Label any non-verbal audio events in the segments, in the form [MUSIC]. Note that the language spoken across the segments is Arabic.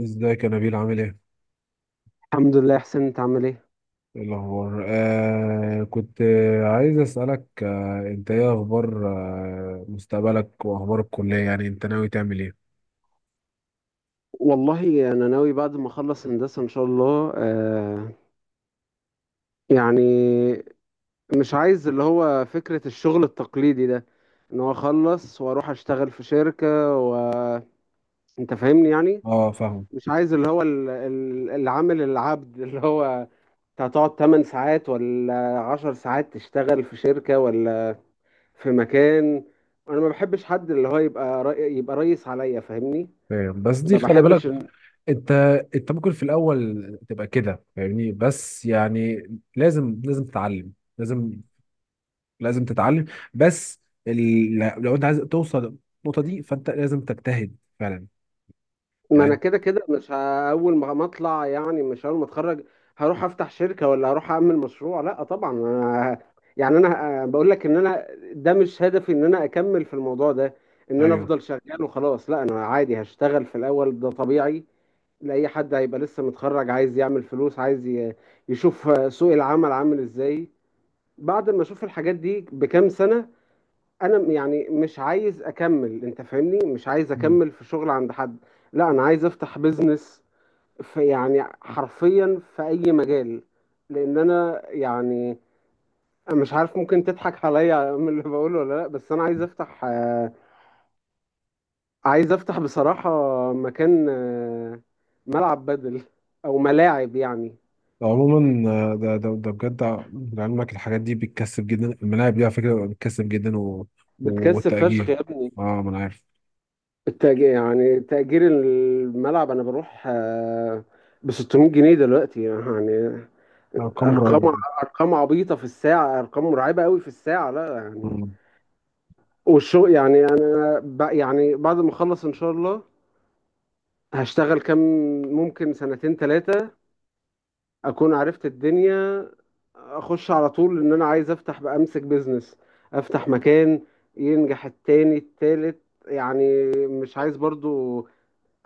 ازيك يا نبيل، عامل ايه؟ الحمد لله يا حسين، انت عامل ايه؟ ايه الأخبار؟ كنت، عايز أسألك، أنت إيه أخبار مستقبلك وأخبار الكلية، يعني أنت ناوي تعمل إيه؟ والله انا ناوي بعد ما اخلص هندسه ان شاء الله، يعني مش عايز اللي هو فكره الشغل التقليدي ده، ان هو اخلص واروح اشتغل في شركه، وانت فاهمني يعني. أه، فاهم مش عايز اللي هو العامل العبد اللي هو انت هتقعد 8 ساعات ولا 10 ساعات تشتغل في شركه ولا في مكان. انا ما بحبش حد اللي هو يبقى يبقى ريس عليا، فاهمني؟ فاهم، بس دي ما خلي بالك. بحبش. أنت أنت ممكن في الأول تبقى كده، فاهمني، بس يعني لازم لازم تتعلم، لازم لازم تتعلم بس ال... لو أنت عايز توصل النقطة دي فأنت لازم تجتهد فعلا ما انا يعني. كده كده مش ه- اول ما اطلع، يعني مش اول ما اتخرج، هروح افتح شركه ولا هروح اعمل مشروع، لا طبعا. أنا يعني انا بقول لك ان انا ده مش هدفي ان انا اكمل في الموضوع ده، ان انا أيوه. افضل شغال وخلاص. لا انا عادي هشتغل في الاول، ده طبيعي لاي حد هيبقى لسه متخرج، عايز يعمل فلوس، عايز يشوف سوق العمل عامل ازاي. بعد ما اشوف الحاجات دي بكام سنه، يعني مش عايز اكمل انت فاهمني، مش عايز اكمل في شغل عند حد. لا انا عايز افتح بيزنس في، يعني حرفيا، في اي مجال. لان انا يعني مش عارف ممكن تضحك عليا [LAUGHS] من اللي بقوله ولا لا، بس انا عايز افتح، عايز افتح بصراحة مكان، ملعب بدل، او ملاعب يعني. عموما ده ده ده بجد، لعلمك الحاجات دي بتكسب جدا، الملاعب دي على فكره بتكسب جدا بتكسب فشخ والتأجير. يا ابني. اه، ما انا عارف. التأجير يعني تأجير الملعب، انا بروح ب 600 جنيه دلوقتي يعني. لا، ارقام ارقام، مرعبه. ارقام عبيطه في الساعه، ارقام مرعبه قوي في الساعه، لا يعني. مم. والشغل يعني انا يعني بعد ما اخلص ان شاء الله هشتغل كام، ممكن سنتين ثلاثه، اكون عرفت الدنيا. اخش على طول ان انا عايز افتح بقى، امسك بيزنس، افتح مكان، ينجح التاني التالت. يعني مش عايز برضو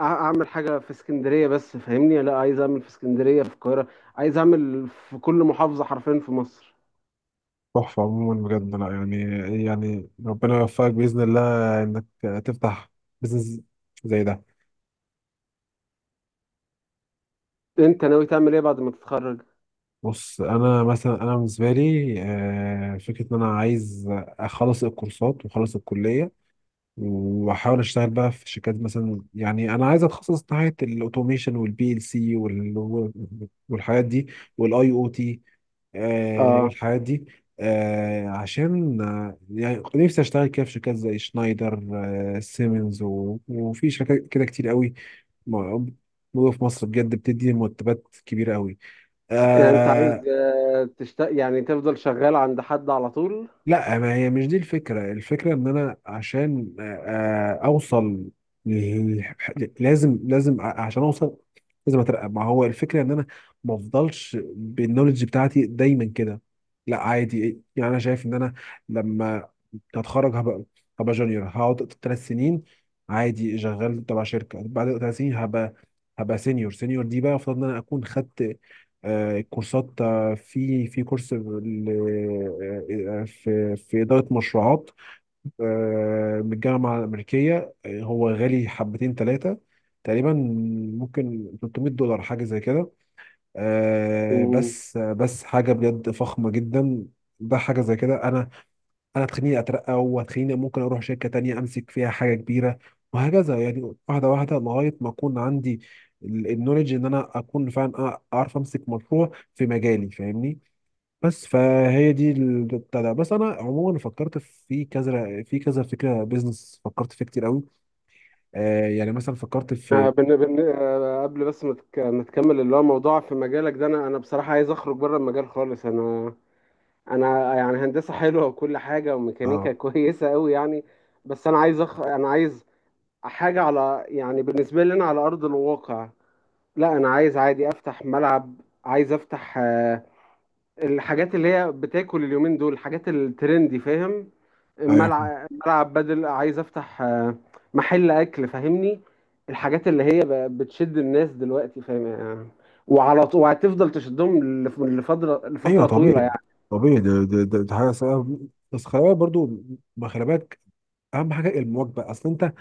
اعمل حاجه في اسكندريه بس فاهمني، لا عايز اعمل في اسكندريه في القاهره، عايز اعمل في كل محافظه حرفيا في مصر. تحفه. عموما بجد، لا يعني ربنا يوفقك باذن الله انك تفتح بزنس زي ده. انت ناوي تعمل ايه بعد ما تتخرج؟ بص، انا مثلا انا بالنسبه لي فكره ان انا عايز اخلص الكورسات واخلص الكليه، واحاول اشتغل بقى في شركات مثلا، يعني انا عايز اتخصص ناحيه الاوتوميشن والبي ال سي والحاجات دي، والاي او تي اه. الحاجات دي. عشان يعني نفسي اشتغل كده في شركات زي شنايدر، سيمنز وفي شركات كده كتير قوي موجوده في مصر بجد، بتدي مرتبات كبيره قوي. يعني انت عايز، يعني تفضل شغال عند حد على طول؟ لا، ما هي مش دي الفكرة. الفكرة ان انا عشان اوصل، ل- لازم لازم، عشان اوصل لازم اترقى. ما هو الفكرة ان انا ما افضلش بالنولج بتاعتي دايما كده. لا عادي، يعني انا شايف ان انا لما اتخرج هبقى، هبقى جونيور، هقعد 3 سنين عادي شغال تبع شركة. بعد 3 سنين هبقى هبقى سينيور. سينيور دي بقى المفروض ان انا اكون خدت كورسات. في كورس في إدارة مشروعات، من الجامعة الأمريكية. هو غالي حبتين ثلاثة تقريبا، ممكن 300 دولار حاجة زي كده. مم. بس حاجة بجد فخمة جدا. ده حاجة زي كده. أنا هتخليني أترقى، وهتخليني ممكن أروح شركة تانية أمسك فيها حاجة كبيرة، وهكذا، يعني واحدة واحدة لغاية ما أكون عندي النولج إن أنا أكون فعلا أعرف أمسك مشروع في مجالي، فاهمني. بس فهي دي بتاع ده. بس انا عموما فكرت في كذا في كذا فكره بيزنس، فكرت فيه كتير قوي. يعني مثلا فكرت في... آه، بن... بن... آه، قبل بس ما تكمل اللي هو موضوع في مجالك ده، انا انا بصراحة عايز اخرج بره المجال خالص. انا انا يعني هندسة حلوة وكل حاجة وميكانيكا [LAUGHS] اه، كويسة قوي يعني. بس انا عايز، انا عايز حاجة على، يعني بالنسبة لي انا على ارض الواقع. لا انا عايز عادي افتح ملعب، عايز افتح الحاجات اللي هي بتاكل اليومين دول، الحاجات الترندي فاهم. ايوه ملعب، ملعب بدل، عايز افتح محل اكل فاهمني. الحاجات اللي هي بتشد الناس دلوقتي فاهم؟ وعلى طول، وهتفضل تشدهم لفتره، ايوه، لفتره طويله طبيعي يعني. طبيعي. ده حاجه صعبة. بس خلي بالك برضو، ما خلي بالك اهم حاجه المواكبه، اصل انت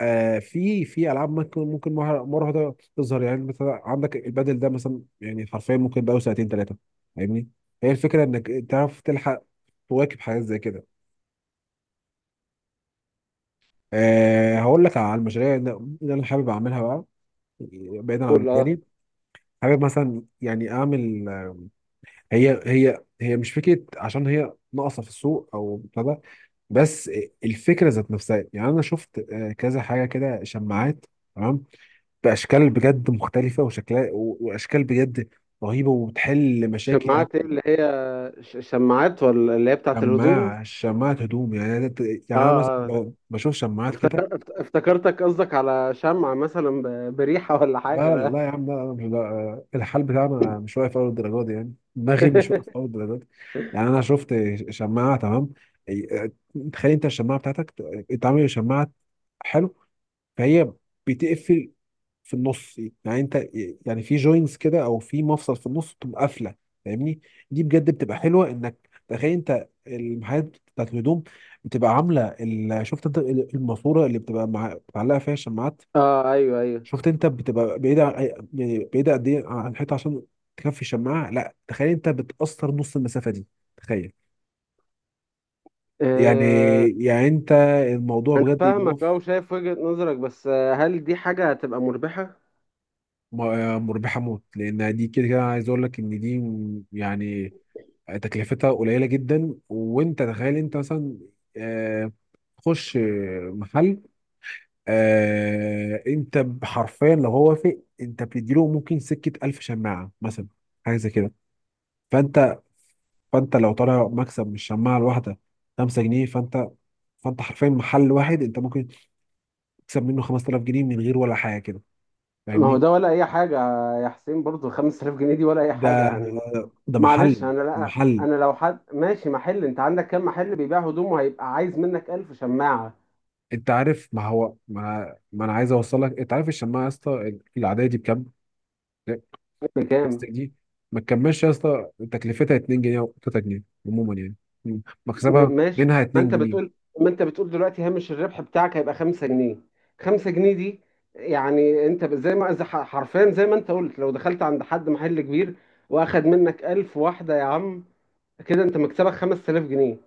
في العاب، ممكن مرة واحده تظهر، يعني مثلا عندك البادل ده مثلا يعني، حرفيا ممكن بقى سنتين ثلاثه، فاهمني. هي الفكره انك تعرف تلحق، تواكب حاجات زي كده. أه، هقول لك على المشاريع اللي انا حابب اعملها بقى بعيدا عن قول اه. مجالي. حابب مثلا يعني اعمل هي مش فكره عشان هي ناقصه في السوق او ابتدى، بس الفكره ذات نفسها. يعني انا شفت كذا حاجه كده، شماعات، تمام، باشكال بجد مختلفه وشكلها واشكال بجد رهيبه وبتحل مشاكل يعني. شماعات ايه اللي هي؟ شماعات ولا اللي هي بتاعت الهدوم؟ شماعه هدوم، يعني اه، يعني انا مثلا اه. بشوف شماعات كده. افتكرتك قصدك على شمعة مثلا بريحة ولا حاجة، لا لا لا. لا يا عم، لا انا مش، لا الحال بتاعنا مش واقف اول الدرجه دي، يعني دماغي مش واقف اول الدرجه دي. يعني انا شفت شماعه، تمام، إيه، تخيل انت الشماعه بتاعتك اتعمل شماعه، حلو، فهي بتقفل في النص، يعني انت يعني في جوينتس كده او في مفصل في النص بتبقى قافله، فاهمني. دي بجد بتبقى حلوه، انك تخيل انت المحلات بتاعت الهدوم بتبقى عامله شفت انت الماسوره اللي بتبقى معلقه فيها الشماعات. اه، ايوه، ايوه. شفت انت بتبقى بعيدة يعني بعيدة قد ايه عن الحيطة عشان تكفي الشماعة، لا تخيل انت بتأثر نص المسافة دي، تخيل يعني آه، يعني انت الموضوع انا بجد فاهمك، اه، يقف. وشايف وجهة نظرك، بس هل دي حاجة هتبقى مربحة؟ مربحة موت، لان دي كده كده عايز اقول لك ان دي يعني تكلفتها قليلة جدا، وانت تخيل انت مثلا آه، تخش محل. انت حرفيا لو هو وافق انت بتديله ممكن سكة 1000 شماعة مثلا، حاجة زي كده. فانت فانت لو طالع مكسب من الشماعه الواحده 5 جنيه، فانت حرفيا محل واحد انت ممكن تكسب منه 5000 جنيه من غير ولا حاجه كده، ما هو فاهمني. ده ولا اي حاجة يا حسين، برضو 5000 جنيه دي ولا اي ده حاجة يعني. ده محل، معلش. انا ده لا. محل. انا لو حد ماشي محل، انت عندك كام محل بيبيع هدوم وهيبقى عايز منك 1000 شماعة؟ انت عارف، ما هو ما انا عايز اوصل لك، انت عارف الشماعه يا اسطى العاديه دي بكام؟ بلاستيك بكام؟ دي، ما تكملش يا اسطى تكلفتها 2 جنيه او 3 جنيه عموما يعني. مم. مكسبها ماشي. منها ما 2 انت جنيه بتقول ما انت بتقول دلوقتي هامش الربح بتاعك هيبقى 5 جنيه، 5 جنيه دي يعني. انت زي ما، زي حرفيا زي ما انت قلت، لو دخلت عند حد محل كبير واخد منك 1000 واحدة، يا عم كده انت مكسبك 5000 جنيه.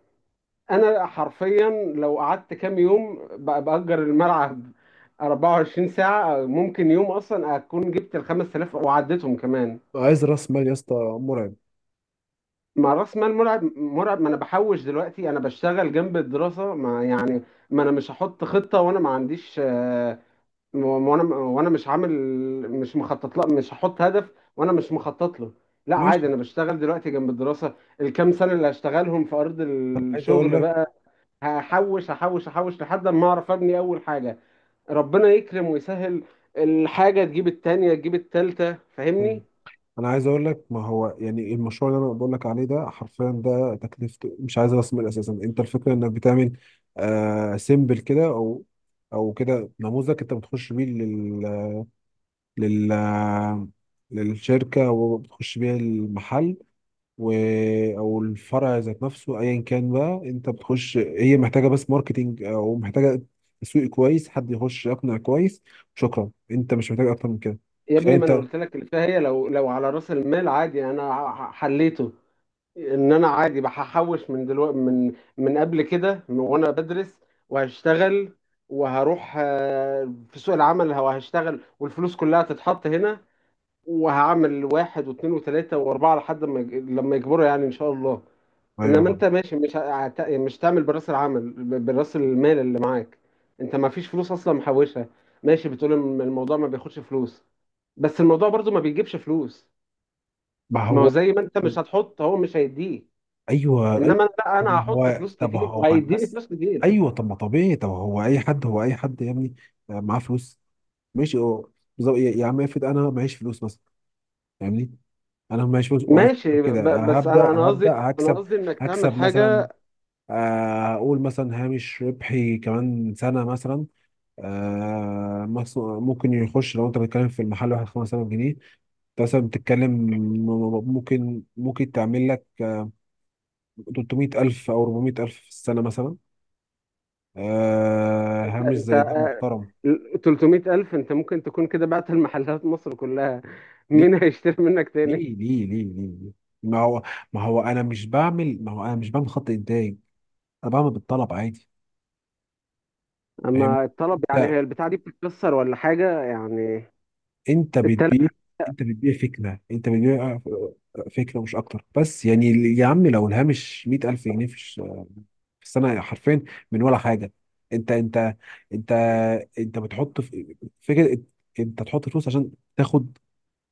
انا حرفيا لو قعدت كام يوم باجر الملعب 24 ساعه، ممكن يوم اصلا اكون جبت ال 5000 وعديتهم كمان. عايز راس مال يا اسطى مرعب، مع راس مال مرعب، مرعب. ما انا بحوش دلوقتي، انا بشتغل جنب الدراسه ما يعني. ما انا مش هحط خطه وانا ما عنديش، وانا وانا مش عامل، مش مخطط. لا مش هحط هدف وانا مش مخطط له. لا عادي، ماشي. انا بشتغل دلوقتي جنب الدراسه. الكام سنه اللي هشتغلهم في ارض عايز الشغل اقول بقى، هحوش هحوش هحوش لحد ما اعرف ابني اول حاجه. ربنا يكرم ويسهل. الحاجه تجيب التانية تجيب التالتة لك فاهمني. انا عايز اقول لك، ما هو يعني المشروع اللي انا بقول لك عليه ده حرفيا، ده تكلفته مش عايز راس مال اساسا. انت الفكره انك بتعمل سيمبل كده، او كده نموذج، انت بتخش بيه لل للشركه وبتخش بيه المحل، و او الفرع ذات نفسه ايا كان بقى. انت بتخش هي محتاجه بس ماركتينج او محتاجه تسويق كويس، حد يخش يقنع كويس، شكرا، انت مش محتاج اكتر من كده. يا تخيل ابني، ما انا انت. قلت لك اللي فيها، هي لو على راس المال عادي يعني انا حليته. ان انا عادي بحوش من دلوقتي، من قبل كده، من وانا بدرس وهشتغل وهروح في سوق العمل وهشتغل، والفلوس كلها تتحط هنا، وهعمل واحد واثنين وثلاثة واربعة لحد ما لما يكبروا يعني ان شاء الله. انما ايوه، انت ماشي، مش تعمل براس العمل، براس المال اللي معاك، انت ما فيش فلوس اصلا محوشها. ماشي بتقول إن الموضوع ما بياخدش فلوس، بس الموضوع برضو ما بيجيبش فلوس. ما ما هو هو. زي ما انت مش هتحط هو مش هيديه. ايوه ايوه، انما أنا لا، طب انا ما هحط هو، فلوس طب كتير هو وهيديني الناس. فلوس كتير. ايوه، طب ما طبيعي، طب هو اي حد، هو اي حد يا ابني، معاه فلوس، ماشي. هو بالظبط يا عم، افرض انا معيش فلوس مثلا، فاهمني. انا معيش فلوس وعايز ماشي كده، بس انا انا هبدا قصدي انا هكسب قصدي انك تعمل هكسب مثلا. حاجه. اقول مثلا هامش ربحي كمان سنه مثلا، ممكن يخش، لو انت بتتكلم في المحل واحد 5000 جنيه، انت مثلا بتتكلم ممكن تعمل لك 300000 او 400000 في السنه مثلا، انت هامش انت زي ده محترم. 300 الف، انت ممكن تكون كده بعت المحلات مصر كلها، ليه مين هيشتري منك تاني؟ ليه ليه ليه ليه؟ ما هو، ما هو انا مش بعمل ما هو انا مش بعمل خط انتاج، انا بعمل بالطلب عادي، فاهمني. اما الطلب يعني، انت هي البتاعة دي بتتكسر ولا حاجة يعني؟ انت التلات بتبيع انت بتبيع فكره، مش اكتر، بس يعني يا عم لو الهامش 100000 جنيه في السنه، حرفيا من ولا حاجه. انت انت انت انت بتحط في فكره، انت تحط فلوس عشان تاخد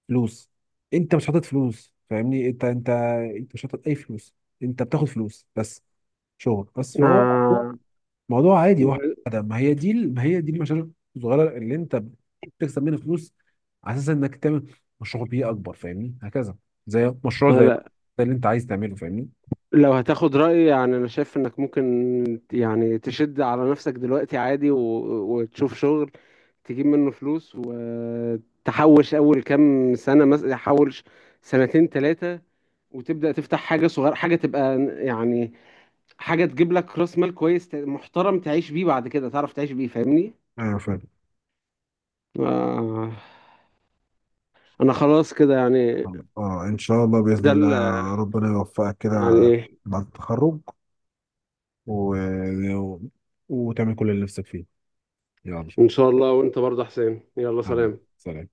فلوس، انت مش حاطط فلوس، فاهمني. انت مش حاطط اي فلوس، انت بتاخد فلوس بس، شغل بس، فهو موضوع، ما. عادي واحد ده. ما هي دي ما هي دي المشاريع الصغيره اللي انت بتكسب منها فلوس، على اساس انك تعمل مشروع بيه اكبر، فاهمني، هكذا. زي مشروع زي لا ده اللي انت عايز تعمله، فاهمني. لو هتاخد رأيي، يعني انا شايف انك ممكن يعني تشد على نفسك دلوقتي عادي و... وتشوف شغل، تجيب منه فلوس، وتحوش اول كام سنة مثلا تحوش سنتين ثلاثة، وتبدأ تفتح حاجة صغيرة، حاجة تبقى يعني حاجة تجيب لك راس مال كويس محترم تعيش بيه، بعد كده تعرف تعيش بيه، فاهمني؟ ايوه فاهم. آه، انا خلاص كده يعني. اه، ان شاء الله، باذن ده الله ربنا يوفقك كده يعني. بعد التخرج، و... و... وتعمل كل اللي نفسك فيه. يلا، إن شاء الله. وأنت برضه يا حسين يلا حبيبي، سلام. سلام.